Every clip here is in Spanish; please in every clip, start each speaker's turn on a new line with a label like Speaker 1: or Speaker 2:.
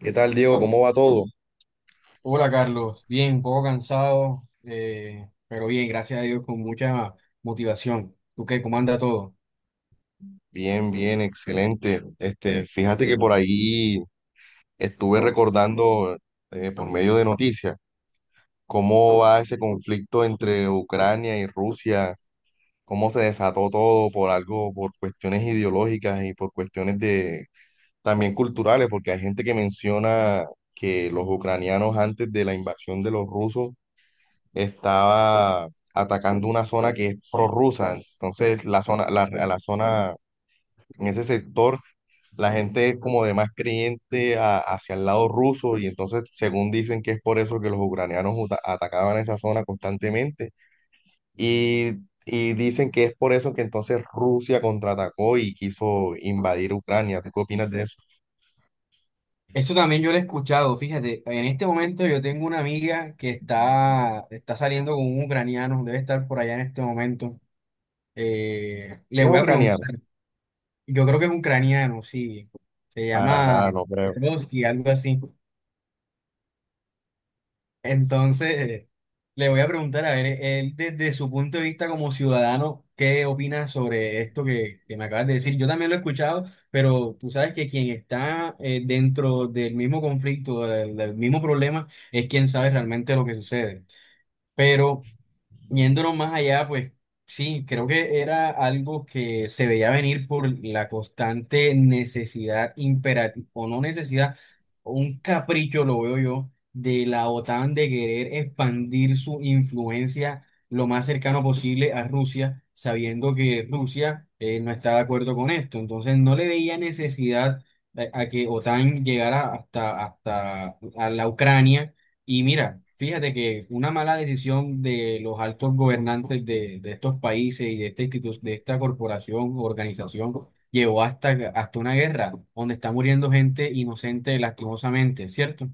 Speaker 1: ¿Qué tal, Diego? ¿Cómo va todo?
Speaker 2: Hola Carlos, bien, un poco cansado, pero bien, gracias a Dios, con mucha motivación. ¿Tú qué? ¿Cómo anda todo?
Speaker 1: Bien, bien, excelente. Este, fíjate que por ahí estuve recordando por medio de noticias cómo va ese conflicto entre Ucrania y Rusia, cómo se desató todo por algo, por cuestiones ideológicas y por cuestiones de también culturales, porque hay gente que menciona que los ucranianos antes de la invasión de los rusos estaba atacando una zona que es prorrusa. Entonces, a la zona en ese sector la gente es como de más creyente hacia el lado ruso y entonces según dicen que es por eso que los ucranianos atacaban esa zona constantemente y, y dicen que es por eso que entonces Rusia contraatacó y quiso invadir Ucrania. ¿Tú qué opinas de eso?
Speaker 2: Eso también yo lo he escuchado, fíjate, en este momento yo tengo una amiga que está saliendo con un ucraniano, debe estar por allá en este momento.
Speaker 1: ¿Si
Speaker 2: Le
Speaker 1: es
Speaker 2: voy a
Speaker 1: ucraniano?
Speaker 2: preguntar, yo creo que es ucraniano, sí, se
Speaker 1: Para nada,
Speaker 2: llama
Speaker 1: no creo.
Speaker 2: Petrovsky, algo así. Entonces, le voy a preguntar, a ver, él desde su punto de vista como ciudadano, ¿qué opina sobre esto que me acabas de decir? Yo también lo he escuchado, pero tú sabes que quien está dentro del mismo conflicto, del mismo problema, es quien sabe realmente lo que sucede. Pero yéndonos más allá, pues sí, creo que era algo que se veía venir por la constante necesidad imperativa, o no necesidad, un capricho, lo veo yo, de la OTAN de querer expandir su influencia lo más cercano posible a Rusia, sabiendo que Rusia no está de acuerdo con esto. Entonces no le veía necesidad a que OTAN llegara hasta a la Ucrania y mira, fíjate que una mala decisión de los altos gobernantes de estos países y de esta de esta corporación, organización, llevó hasta, hasta una guerra donde está muriendo gente inocente lastimosamente, ¿cierto?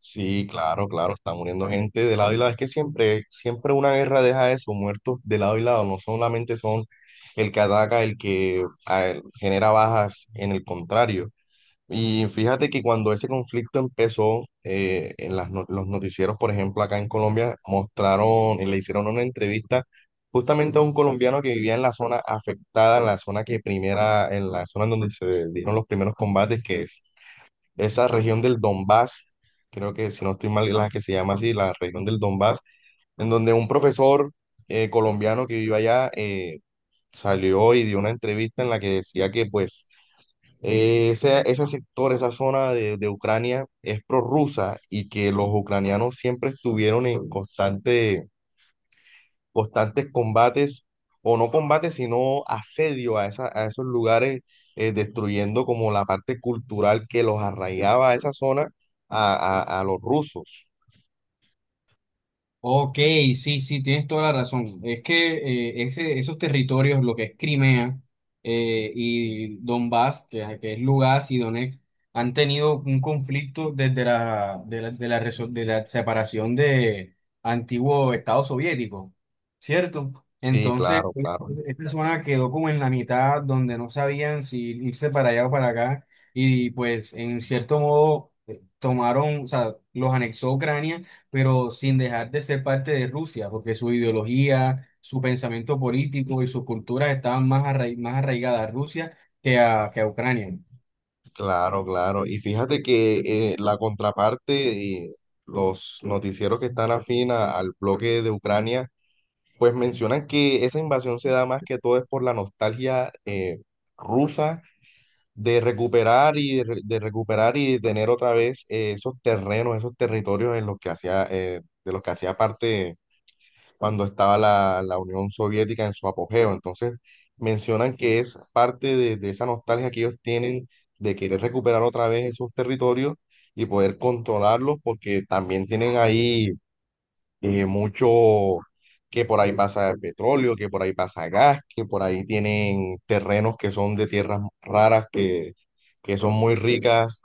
Speaker 1: Sí, claro, claro, está muriendo gente de lado y lado. Es que siempre, siempre una guerra deja eso, muertos de lado y lado, no solamente son el que ataca, el que a ver, genera bajas en el contrario. Y fíjate que cuando ese conflicto empezó, en las los noticieros, por ejemplo, acá en Colombia, mostraron y le hicieron una entrevista justamente a un colombiano que vivía en la zona afectada, en la zona en donde se dieron los primeros combates, que es esa región del Donbass, creo que si no estoy mal, la que se llama así, la región del Donbass, en donde un profesor colombiano que vive allá salió y dio una entrevista en la que decía que pues ese sector, esa zona de Ucrania es prorrusa y que los ucranianos siempre estuvieron en constante, constantes combates, o no combates, sino asedio a esos lugares, destruyendo como la parte cultural que los arraigaba a esa zona a, a los rusos.
Speaker 2: Ok, sí, sí, tienes toda la razón. Es que esos territorios, lo que es Crimea y Donbass, que es Lugansk y Donetsk, han tenido un conflicto desde de la, de la separación de antiguo Estado soviético, ¿cierto?
Speaker 1: Sí,
Speaker 2: Entonces,
Speaker 1: claro, claro,
Speaker 2: esta zona quedó como en la mitad, donde no sabían si irse para allá o para acá, y pues en cierto modo tomaron, o sea, los anexó Ucrania pero sin dejar de ser parte de Rusia, porque su ideología, su pensamiento político y sus culturas estaban más arraigadas a Rusia que a Ucrania.
Speaker 1: claro, claro. Y fíjate que la contraparte, los noticieros que están afín al bloque de Ucrania, pues mencionan que esa invasión se da más que todo es por la nostalgia rusa de recuperar de recuperar y de tener otra vez esos terrenos, esos territorios en los que hacía de los que hacía parte cuando estaba la Unión Soviética en su apogeo. Entonces mencionan que es parte de esa nostalgia que ellos tienen de querer recuperar otra vez esos territorios y poder controlarlos porque también tienen ahí mucho, que por ahí pasa el petróleo, que por ahí pasa gas, que por ahí tienen terrenos que son de tierras raras, que son muy ricas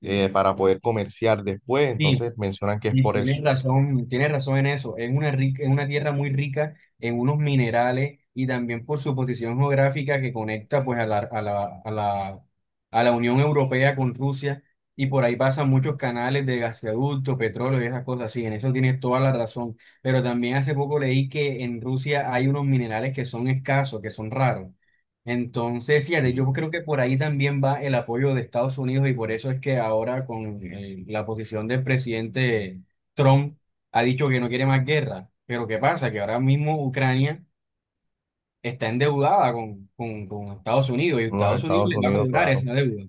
Speaker 1: para poder comerciar después.
Speaker 2: Sí,
Speaker 1: Entonces mencionan que es
Speaker 2: sí,
Speaker 1: por eso.
Speaker 2: tienes razón en eso. Es una rica, es una tierra muy rica en unos minerales y también por su posición geográfica que conecta pues a la Unión Europea con Rusia y por ahí pasan muchos canales de gasoducto, petróleo y esas cosas así. En eso tienes toda la razón. Pero también hace poco leí que en Rusia hay unos minerales que son escasos, que son raros. Entonces,
Speaker 1: Y
Speaker 2: fíjate, yo
Speaker 1: en
Speaker 2: creo que por ahí también va el apoyo de Estados Unidos y por eso es que ahora con la posición del presidente Trump ha dicho que no quiere más guerra. Pero ¿qué pasa? Que ahora mismo Ucrania está endeudada con Estados Unidos y
Speaker 1: los
Speaker 2: Estados Unidos
Speaker 1: Estados
Speaker 2: le va a
Speaker 1: Unidos,
Speaker 2: cobrar
Speaker 1: claro,
Speaker 2: esa deuda.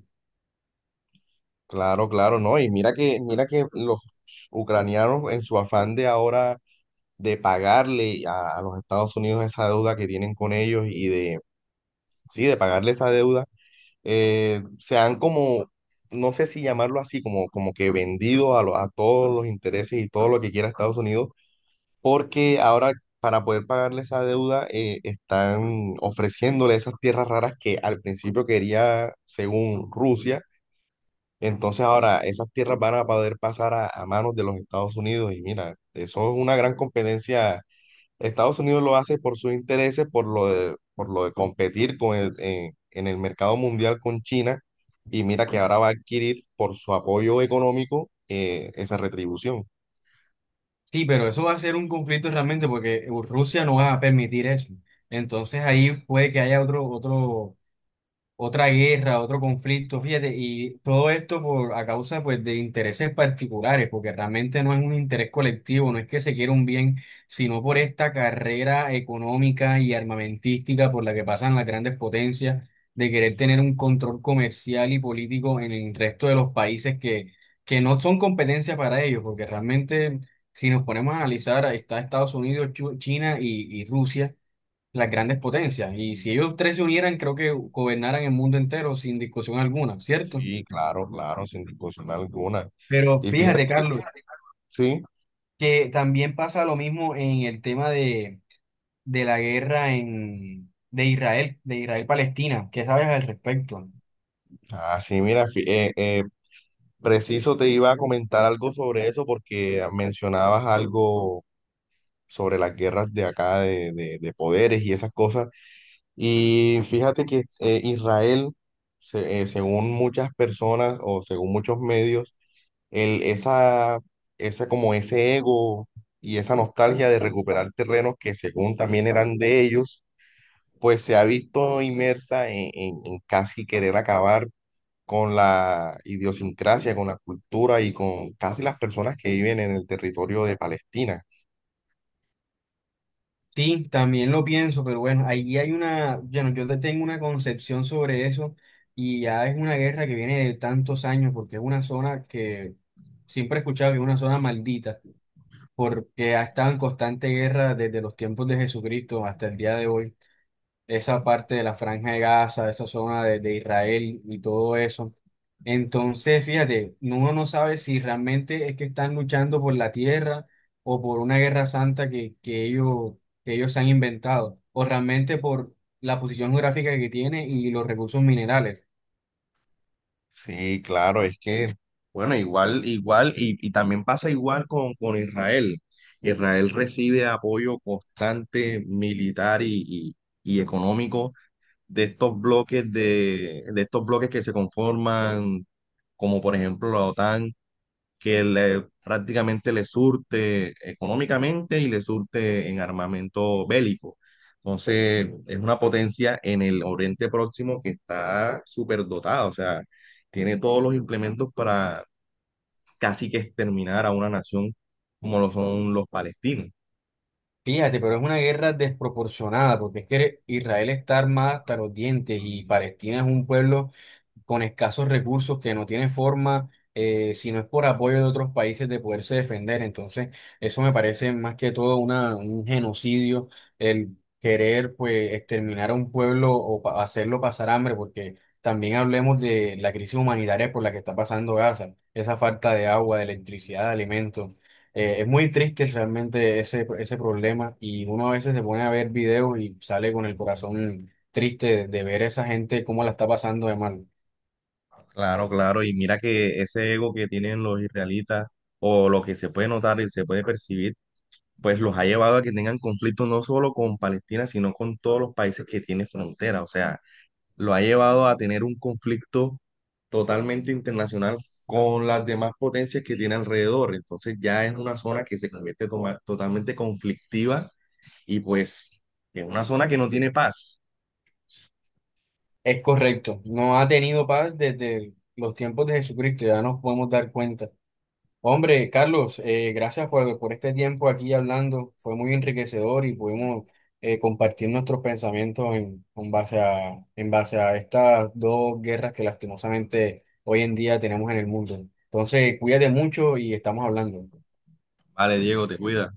Speaker 1: claro, claro, ¿no? Y mira que los ucranianos en su afán de ahora de pagarle a los Estados Unidos esa deuda que tienen con ellos y de, sí, de pagarle esa deuda se han como, no sé si llamarlo así, como, como que vendido a todos los intereses y todo lo que quiera Estados Unidos, porque ahora para poder pagarle esa deuda están ofreciéndole esas tierras raras que al principio quería, según Rusia, entonces ahora esas tierras van a poder pasar a manos de los Estados Unidos y mira, eso es una gran competencia. Estados Unidos lo hace por sus intereses, por lo de competir con en el mercado mundial con China, y mira que ahora va a adquirir por su apoyo económico esa retribución.
Speaker 2: Sí, pero eso va a ser un conflicto realmente porque Rusia no va a permitir eso. Entonces ahí puede que haya otro, otro otra guerra, otro conflicto, fíjate, y todo esto por a causa pues de intereses particulares, porque realmente no es un interés colectivo, no es que se quiera un bien, sino por esta carrera económica y armamentística por la que pasan las grandes potencias, de querer tener un control comercial y político en el resto de los países que no son competencia para ellos, porque realmente si nos ponemos a analizar, está Estados Unidos, China y Rusia las grandes potencias. Y si ellos tres se unieran, creo que gobernaran el mundo entero sin discusión alguna, ¿cierto?
Speaker 1: Sí, claro, claro, sin discusión alguna.
Speaker 2: Pero
Speaker 1: Y fíjate
Speaker 2: fíjate,
Speaker 1: que,
Speaker 2: Carlos,
Speaker 1: sí,
Speaker 2: que también pasa lo mismo en el tema de la guerra en, de Israel, de Israel-Palestina. ¿Qué sabes al respecto?
Speaker 1: así mira, fí- Preciso te iba a comentar algo sobre eso porque mencionabas algo sobre las guerras de acá de poderes y esas cosas. Y fíjate que Israel, según muchas personas o según muchos medios, el, esa, como ese ego y esa nostalgia de recuperar terrenos que según también eran de ellos, pues se ha visto inmersa en casi querer acabar con la idiosincrasia, con la cultura y con casi las personas que viven en el territorio de Palestina.
Speaker 2: Sí, también lo pienso, pero bueno, ahí hay una, bueno, yo tengo una concepción sobre eso y ya es una guerra que viene de tantos años porque es una zona que siempre he escuchado que es una zona maldita, porque ha estado en constante guerra desde los tiempos de Jesucristo hasta el día de hoy. Esa parte de la Franja de Gaza, esa zona de Israel y todo eso. Entonces, fíjate, uno no sabe si realmente es que están luchando por la tierra o por una guerra santa que ellos se han inventado, o realmente por la posición geográfica que tiene y los recursos minerales.
Speaker 1: Sí, claro, es que, bueno, igual, igual, y también pasa igual con Israel. Israel recibe apoyo constante militar y económico de estos bloques de estos bloques que se conforman, como por ejemplo la OTAN, que prácticamente le surte económicamente y le surte en armamento bélico. Entonces, es una potencia en el Oriente Próximo que está súper dotada, o sea, tiene todos los implementos para casi que exterminar a una nación como lo son los palestinos.
Speaker 2: Fíjate, pero es una guerra desproporcionada, porque es que Israel está armada hasta los dientes y Palestina es un pueblo con escasos recursos, que no tiene forma, si no es por apoyo de otros países, de poderse defender. Entonces, eso me parece más que todo una, un genocidio, el querer pues exterminar a un pueblo o hacerlo pasar hambre, porque también hablemos de la crisis humanitaria por la que está pasando Gaza, esa falta de agua, de electricidad, de alimentos. Es muy triste realmente ese problema y uno a veces se pone a ver videos y sale con el corazón triste de ver esa gente cómo la está pasando de mal.
Speaker 1: Claro, claro, y mira que ese ego que tienen los israelitas o lo que se puede notar y se puede percibir, pues los ha llevado a que tengan conflictos no solo con Palestina, sino con todos los países que tienen frontera. O sea, lo ha llevado a tener un conflicto totalmente internacional con las demás potencias que tiene alrededor. Entonces ya es una zona que se convierte totalmente conflictiva y pues es una zona que no tiene paz.
Speaker 2: Es correcto, no ha tenido paz desde los tiempos de Jesucristo, ya nos podemos dar cuenta. Hombre, Carlos, gracias por este tiempo aquí hablando, fue muy enriquecedor y pudimos compartir nuestros pensamientos en base en base a estas dos guerras que lastimosamente hoy en día tenemos en el mundo. Entonces, cuídate mucho y estamos hablando.
Speaker 1: Vale, Diego, te cuida.